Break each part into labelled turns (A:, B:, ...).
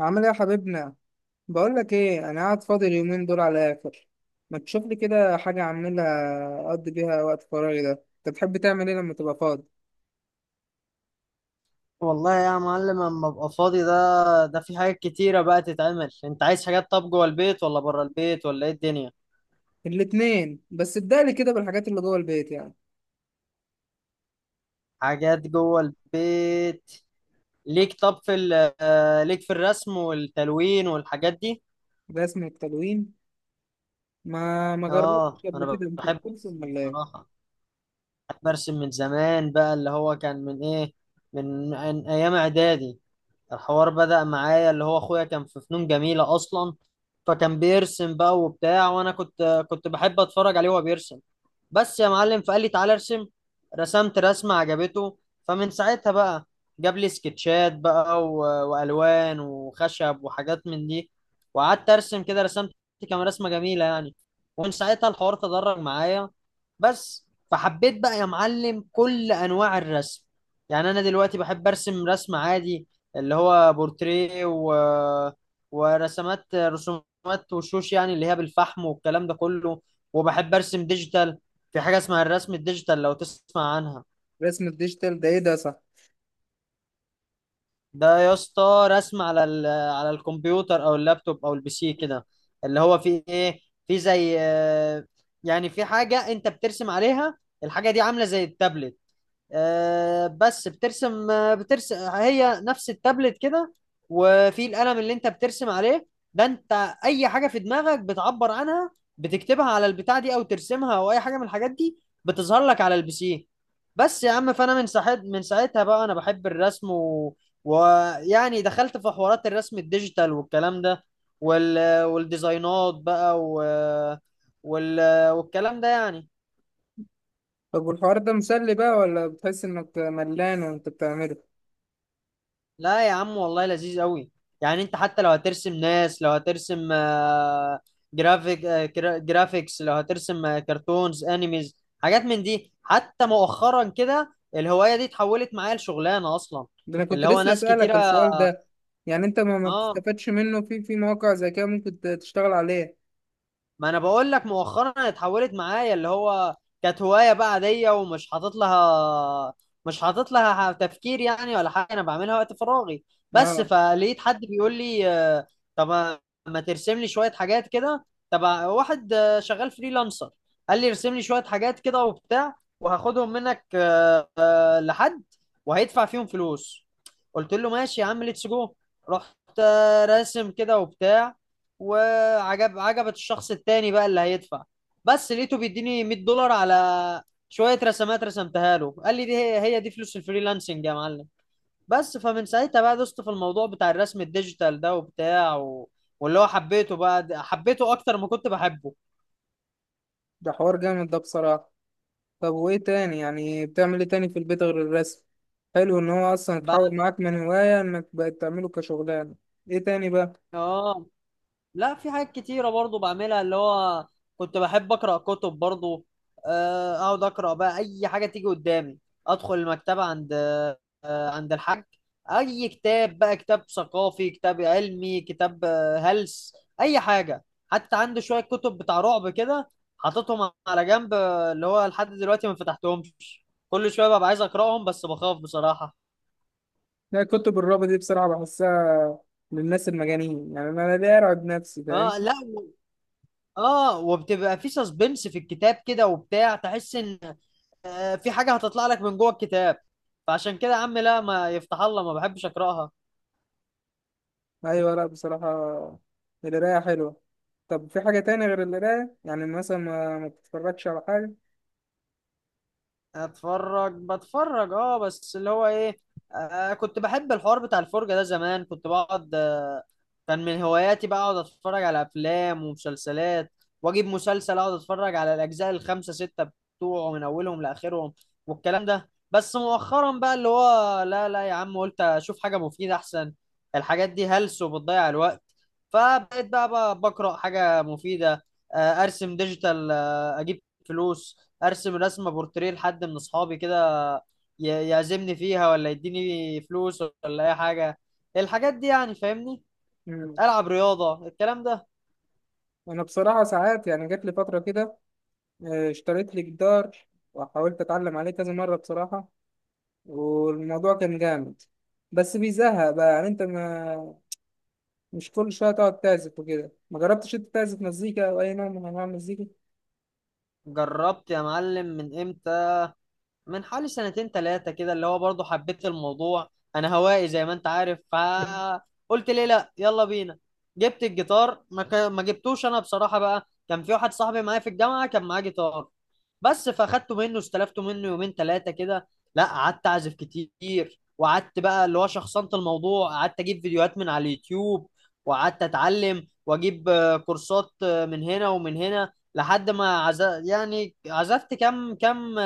A: عامل ايه يا حبيبنا؟ بقول لك ايه، انا قاعد فاضي اليومين دول على الاخر. ما تشوف لي كده حاجه اعملها اقضي بيها وقت فراغي. ده انت بتحب تعمل ايه لما تبقى فاضي؟
B: والله يا معلم اما ابقى فاضي ده في حاجات كتيرة بقى تتعمل. انت عايز حاجات طب جوه البيت ولا بره البيت ولا ايه الدنيا؟
A: الاتنين، بس ابدأ لي كده بالحاجات اللي جوه البيت يعني.
B: حاجات جوه البيت. ليك طب في ال- آه، ليك في الرسم والتلوين والحاجات دي.
A: رسم التلوين؟ ما
B: اه
A: جربتش قبل
B: انا
A: كده. انت
B: بحب
A: بترسم
B: أرسم
A: ولا ايه؟
B: بصراحة. بحب ارسم من زمان بقى اللي هو كان من ايه، من ايام اعدادي. الحوار بدأ معايا اللي هو اخويا كان في فنون جميلة اصلا، فكان بيرسم بقى وبتاع، وانا كنت بحب اتفرج عليه وهو بيرسم. بس يا معلم فقال لي تعالى ارسم. رسمت رسمة عجبته، فمن ساعتها بقى جاب لي سكتشات بقى و... والوان وخشب وحاجات من دي. وقعدت ارسم كده، رسمت كام رسمة جميلة يعني. ومن ساعتها الحوار تدرج معايا. بس فحبيت بقى يا معلم كل انواع الرسم. يعني انا دلوقتي بحب ارسم رسم عادي، اللي هو بورتريه و... ورسمات رسومات وشوش يعني اللي هي بالفحم والكلام ده كله. وبحب ارسم ديجيتال. في حاجة اسمها الرسم الديجيتال لو تسمع عنها.
A: رسم الديجيتال ده ايه ده؟ صح.
B: ده يا اسطى رسم على ال... على الكمبيوتر او اللابتوب او البي سي كده، اللي هو في ايه، في زي يعني في حاجة انت بترسم عليها. الحاجة دي عاملة زي التابلت، بس بترسم، بترسم هي نفس التابلت كده. وفي القلم اللي انت بترسم عليه. ده انت اي حاجه في دماغك بتعبر عنها، بتكتبها على البتاع دي او ترسمها او اي حاجه من الحاجات دي، بتظهر لك على البي سي. بس يا عم فانا من ساعتها بقى انا بحب الرسم و... ويعني دخلت في حوارات الرسم الديجيتال والكلام ده، وال... والديزاينات بقى و... وال... والكلام ده يعني.
A: طب والحوار ده مسلي بقى ولا بتحس انك ملان وانت بتعمله؟
B: لا يا عم والله لذيذ قوي. يعني انت حتى لو هترسم ناس، لو هترسم جرافيك، جرافيكس، لو هترسم كرتونز انيميز حاجات من دي. حتى مؤخرا كده الهواية دي اتحولت معايا لشغلانة اصلا.
A: ده انا كنت
B: اللي هو
A: لسه
B: ناس
A: اسالك
B: كتيرة.
A: السؤال ده. يعني انت ما
B: اه،
A: بتستفادش منه في مواقع زي كده ممكن تشتغل عليها؟
B: ما انا بقول لك مؤخرا اتحولت معايا اللي هو، كانت هوايه بقى عاديه ومش حاطط لها، مش حاطط لها تفكير يعني ولا حاجه، انا بعملها وقت فراغي. بس
A: اه.
B: فلقيت حد بيقول لي طب ما ترسم لي شويه حاجات كده. تبع واحد شغال فريلانسر. قال لي ارسم لي شويه حاجات كده وبتاع وهاخدهم منك لحد، وهيدفع فيهم فلوس. قلت له ماشي يا عم، ليتس جو. رحت راسم كده وبتاع، وعجب عجبت الشخص التاني بقى اللي هيدفع. بس لقيته بيديني 100 دولار على شوية رسمات رسمتها له، قال لي دي هي دي فلوس الفريلانسنج يا معلم. بس فمن ساعتها بقى دوست في الموضوع بتاع الرسم الديجيتال ده وبتاع و... واللي هو حبيته بقى، حبيته اكتر ما كنت بحبه.
A: ده حوار جامد ده بصراحة. طب وإيه تاني؟ يعني بتعمل إيه تاني في البيت غير الرسم؟ حلو إن هو أصلا
B: بقى.
A: اتحول معاك من هواية إنك بقت تعمله كشغلانة. إيه تاني بقى؟
B: اه لا، في حاجات كتيرة برضو بعملها اللي هو، كنت بحب أقرأ كتب برضو. أقعد أقرأ بقى أي حاجة تيجي قدامي. أدخل المكتبة عند عند الحاج، أي كتاب بقى، كتاب ثقافي، كتاب علمي، كتاب هلس، أي حاجة. حتى عنده شوية كتب بتاع رعب كده حاططهم على جنب، اللي هو لحد دلوقتي ما فتحتهمش. كل شوية ببقى عايز أقرأهم بس بخاف بصراحة.
A: لا، كتب الرابط دي بصراحة بحسها للناس المجانين. يعني أنا ليه أرعب نفسي؟ فاهم؟
B: اه لا، اه، وبتبقى في سسبنس في الكتاب كده وبتاع، تحس ان في حاجة هتطلع لك من جوه الكتاب. فعشان كده يا عم لا، ما يفتح الله، ما بحبش أقرأها.
A: أيوة. لأ بصراحة القراية حلوة. طب في حاجة تاني غير القراية؟ يعني مثلا ما بتتفرجش على حاجة؟
B: أتفرج، بتفرج أه، بس اللي هو إيه، آه كنت بحب الحوار بتاع الفرجة ده زمان. كنت بقعد، كان من هواياتي بقى اقعد اتفرج على افلام ومسلسلات، واجيب مسلسل اقعد اتفرج على الاجزاء الخمسه سته بتوعه من اولهم لاخرهم والكلام ده. بس مؤخرا بقى اللي هو لا لا يا عم، قلت اشوف حاجه مفيده احسن. الحاجات دي هلس وبتضيع الوقت. فبقيت بقى بقرا حاجه مفيده. ارسم ديجيتال، اجيب فلوس، ارسم رسمه بورتريه لحد من اصحابي كده، يعزمني فيها ولا يديني فلوس ولا اي حاجه. الحاجات دي يعني، فاهمني.
A: مم.
B: العب رياضه، الكلام ده.
A: أنا بصراحة ساعات يعني جات لي فترة كده، اشتريت لي جدار وحاولت أتعلم عليه كذا مرة بصراحة. والموضوع كان جامد، بس بيزهق بقى. يعني انت ما مش كل شويه تقعد تعزف وكده. ما جربتش انت تعزف مزيكا او اي نوع من انواع المزيكا؟
B: جربت يا معلم. من امتى؟ من حوالي سنتين ثلاثة كده، اللي هو برضه حبيت الموضوع. أنا هوائي زي ما أنت عارف، فقلت ليه لأ، يلا بينا. جبت الجيتار، ما جبتوش أنا بصراحة بقى. كان في واحد صاحبي معايا في الجامعة كان معاه جيتار. بس فأخدته منه، استلفته منه يومين ثلاثة كده. لأ قعدت أعزف كتير، وقعدت بقى اللي هو شخصنت الموضوع. قعدت أجيب فيديوهات من على اليوتيوب، وقعدت أتعلم وأجيب كورسات من هنا ومن هنا، لحد ما يعني عزفت كام كام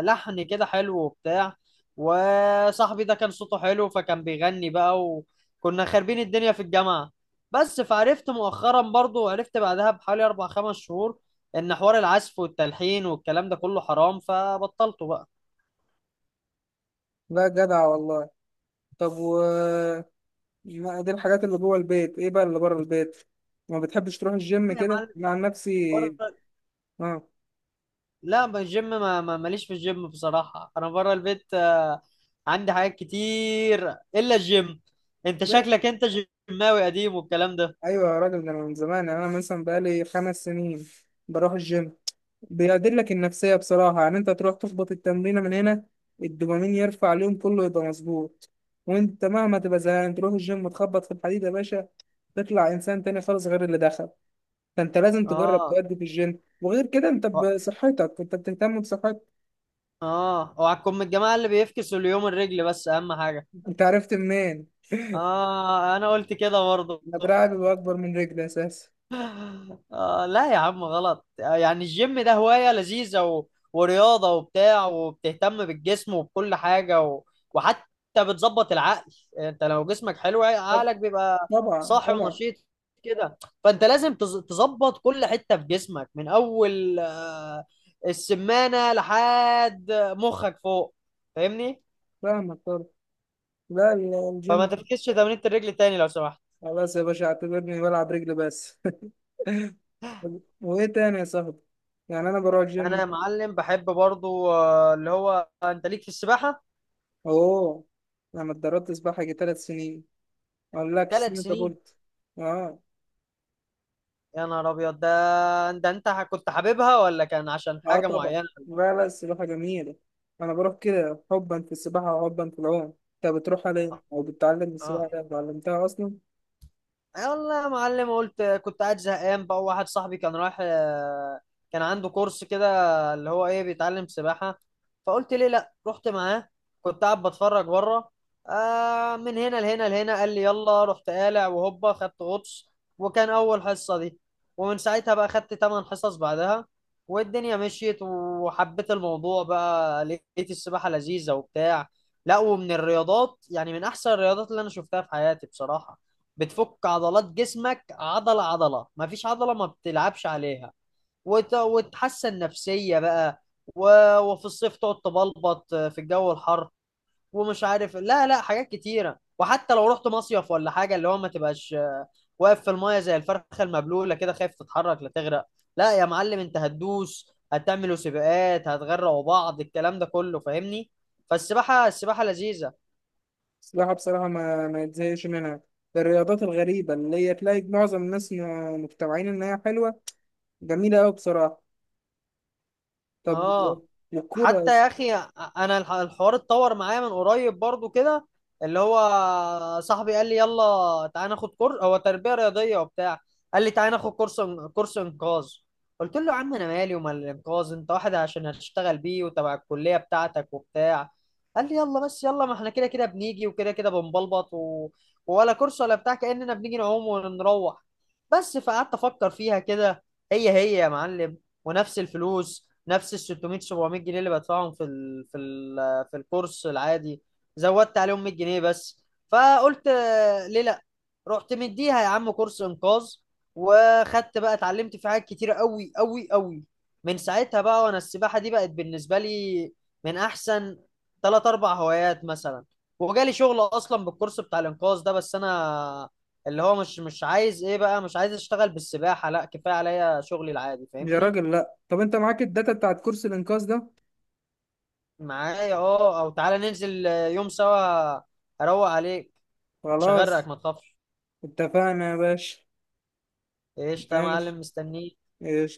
B: لحن كده حلو وبتاع. وصاحبي ده كان صوته حلو فكان بيغني بقى، وكنا خاربين الدنيا في الجامعة. بس فعرفت مؤخرا برضو، وعرفت بعدها بحوالي أربع خمس شهور إن حوار العزف والتلحين والكلام ده كله حرام، فبطلته بقى.
A: لا جدع والله. طب و دي الحاجات اللي جوه البيت، ايه بقى اللي بره البيت؟ ما بتحبش تروح الجيم
B: لا يا
A: كده
B: معلم.
A: مع نفسي؟
B: بره.
A: اه.
B: لا، ما الجيم ماليش في الجيم بصراحة. أنا بره البيت عندي حاجات كتير إلا الجيم. أنت
A: ده
B: شكلك أنت جيماوي قديم والكلام ده.
A: ايوه يا راجل، ده انا من زمان. يعني انا مثلا بقالي 5 سنين بروح الجيم. بيعدلك النفسية بصراحة. يعني أنت تروح تخبط التمرينة من هنا، الدوبامين يرفع، اليوم كله يبقى مظبوط. وأنت مهما تبقى زهقان تروح الجيم تخبط في الحديد يا باشا، تطلع إنسان تاني خالص غير اللي دخل. فأنت لازم تجرب
B: آه.
A: تأدي في الجيم، وغير كده أنت بصحتك، أنت بتهتم بصحتك.
B: اه، اوعكم من الجماعه اللي بيفكسوا اليوم الرجل، بس اهم حاجه.
A: أنت عرفت منين؟
B: اه، انا قلت كده برضه
A: أنا دراعي بيبقى أكبر من رجلي أساسا.
B: آه لا يا عم غلط. يعني الجيم ده هوايه لذيذه و... ورياضه وبتاع، وبتهتم بالجسم وبكل حاجه و... وحتى بتظبط العقل. انت لو جسمك حلو
A: طب-
B: عقلك بيبقى
A: طبعا
B: صاحي
A: طبعا.
B: ونشيط كده. فانت لازم تظبط كل حته في جسمك، من اول السمانه لحد مخك فوق، فاهمني.
A: فاهمك طبعا. لا
B: فما
A: الجيم.
B: تفكسش تمرينة الرجل تاني لو سمحت.
A: خلاص يا باشا، اعتبرني بلعب رجل بس. وإيه تاني يا صاحبي؟ يعني أنا بروح
B: انا
A: الجيم.
B: يا معلم بحب برضو اللي هو انت ليك في السباحة.
A: اوه، انا اتدربت سباحه جي 3 سنين. ما اقولكش
B: ثلاث
A: سنين
B: سنين!
A: كبرت. اه.
B: يا نهار ابيض. ده ده انت كنت حاببها ولا كان عشان
A: اه
B: حاجة
A: طبعا.
B: معينة؟
A: لا لا، السباحه جميله. انا بروح كده حبا في السباحه وحبا في العوم. انت بتروح عليه او بتتعلم السباحه؟
B: آه،
A: ده اتعلمتها اصلا.
B: آه والله يا معلم، قلت كنت قاعد زهقان بقى، واحد صاحبي كان رايح كان عنده كورس كده اللي هو ايه، بيتعلم سباحة. فقلت ليه لا، رحت معاه. كنت قاعد بتفرج بره، آه من هنا لهنا لهنا، قال لي يلا. رحت قالع وهوبا خدت غطس. وكان اول حصة دي. ومن ساعتها بقى خدت 8 حصص بعدها. والدنيا مشيت وحبيت الموضوع بقى، لقيت السباحة لذيذة وبتاع. لا، ومن الرياضات يعني من احسن الرياضات اللي انا شفتها في حياتي بصراحة. بتفك عضلات جسمك عضلة عضلة، مفيش عضلة ما بتلعبش عليها. وتحسن نفسية بقى و... وفي الصيف تقعد تبلبط في الجو الحر ومش عارف، لا لا حاجات كتيرة. وحتى لو رحت مصيف ولا حاجة اللي هو ما تبقاش واقف في المايه زي الفرخة المبلولة كده خايف تتحرك لا تغرق. لا يا معلم انت هتدوس، هتعملوا سباقات، هتغرقوا بعض، الكلام ده كله فاهمني. فالسباحة السباحة لذيذة.
A: السباحه بصراحه ما يتزهقش منها. ده الرياضات الغريبه اللي هي تلاقي معظم الناس مجتمعين انها حلوه، جميله قوي بصراحه. طب
B: اه.
A: والكوره؟
B: حتى يا اخي انا الحوار اتطور معايا من قريب برضو كده، اللي هو صاحبي قال لي يلا تعالى ناخد كورس، هو تربيه رياضيه وبتاع. قال لي تعالى ناخد كورس، كورس انقاذ. قلت له يا عم انا مالي ومال الانقاذ، انت واحد عشان هتشتغل بيه وتبع الكليه بتاعتك وبتاع. قال لي يلا بس يلا، ما احنا كده كده بنيجي وكده كده بنبلبط و... ولا كورس ولا بتاع، كاننا بنيجي نعوم ونروح. بس فقعدت افكر فيها كده، هي هي يا معلم، ونفس الفلوس، نفس ال 600 700 جنيه اللي بدفعهم في ال في ال في الكورس العادي، زودت عليهم 100 جنيه بس. فقلت ليه لا، رحت مديها يا عم كورس انقاذ. وخدت بقى، اتعلمت في حاجات كتيره قوي قوي قوي. من ساعتها بقى وانا السباحه دي بقت بالنسبه لي من احسن ثلاث اربع هوايات مثلا. وجالي شغل اصلا بالكورس بتاع الانقاذ ده، بس انا اللي هو مش عايز ايه بقى، مش عايز اشتغل بالسباحه، لا كفايه عليا شغلي العادي
A: يا
B: فاهمني.
A: راجل لا، طب انت معاك الداتا بتاعت كرسي الانقاذ ده؟
B: معايا اه، او تعالى ننزل يوم سوا، اروق عليك. مش
A: خلاص
B: هغرقك ما تخافش.
A: اتفقنا يا باشا.
B: ايش يا
A: ماشي.
B: معلم مستنيك.
A: ايش.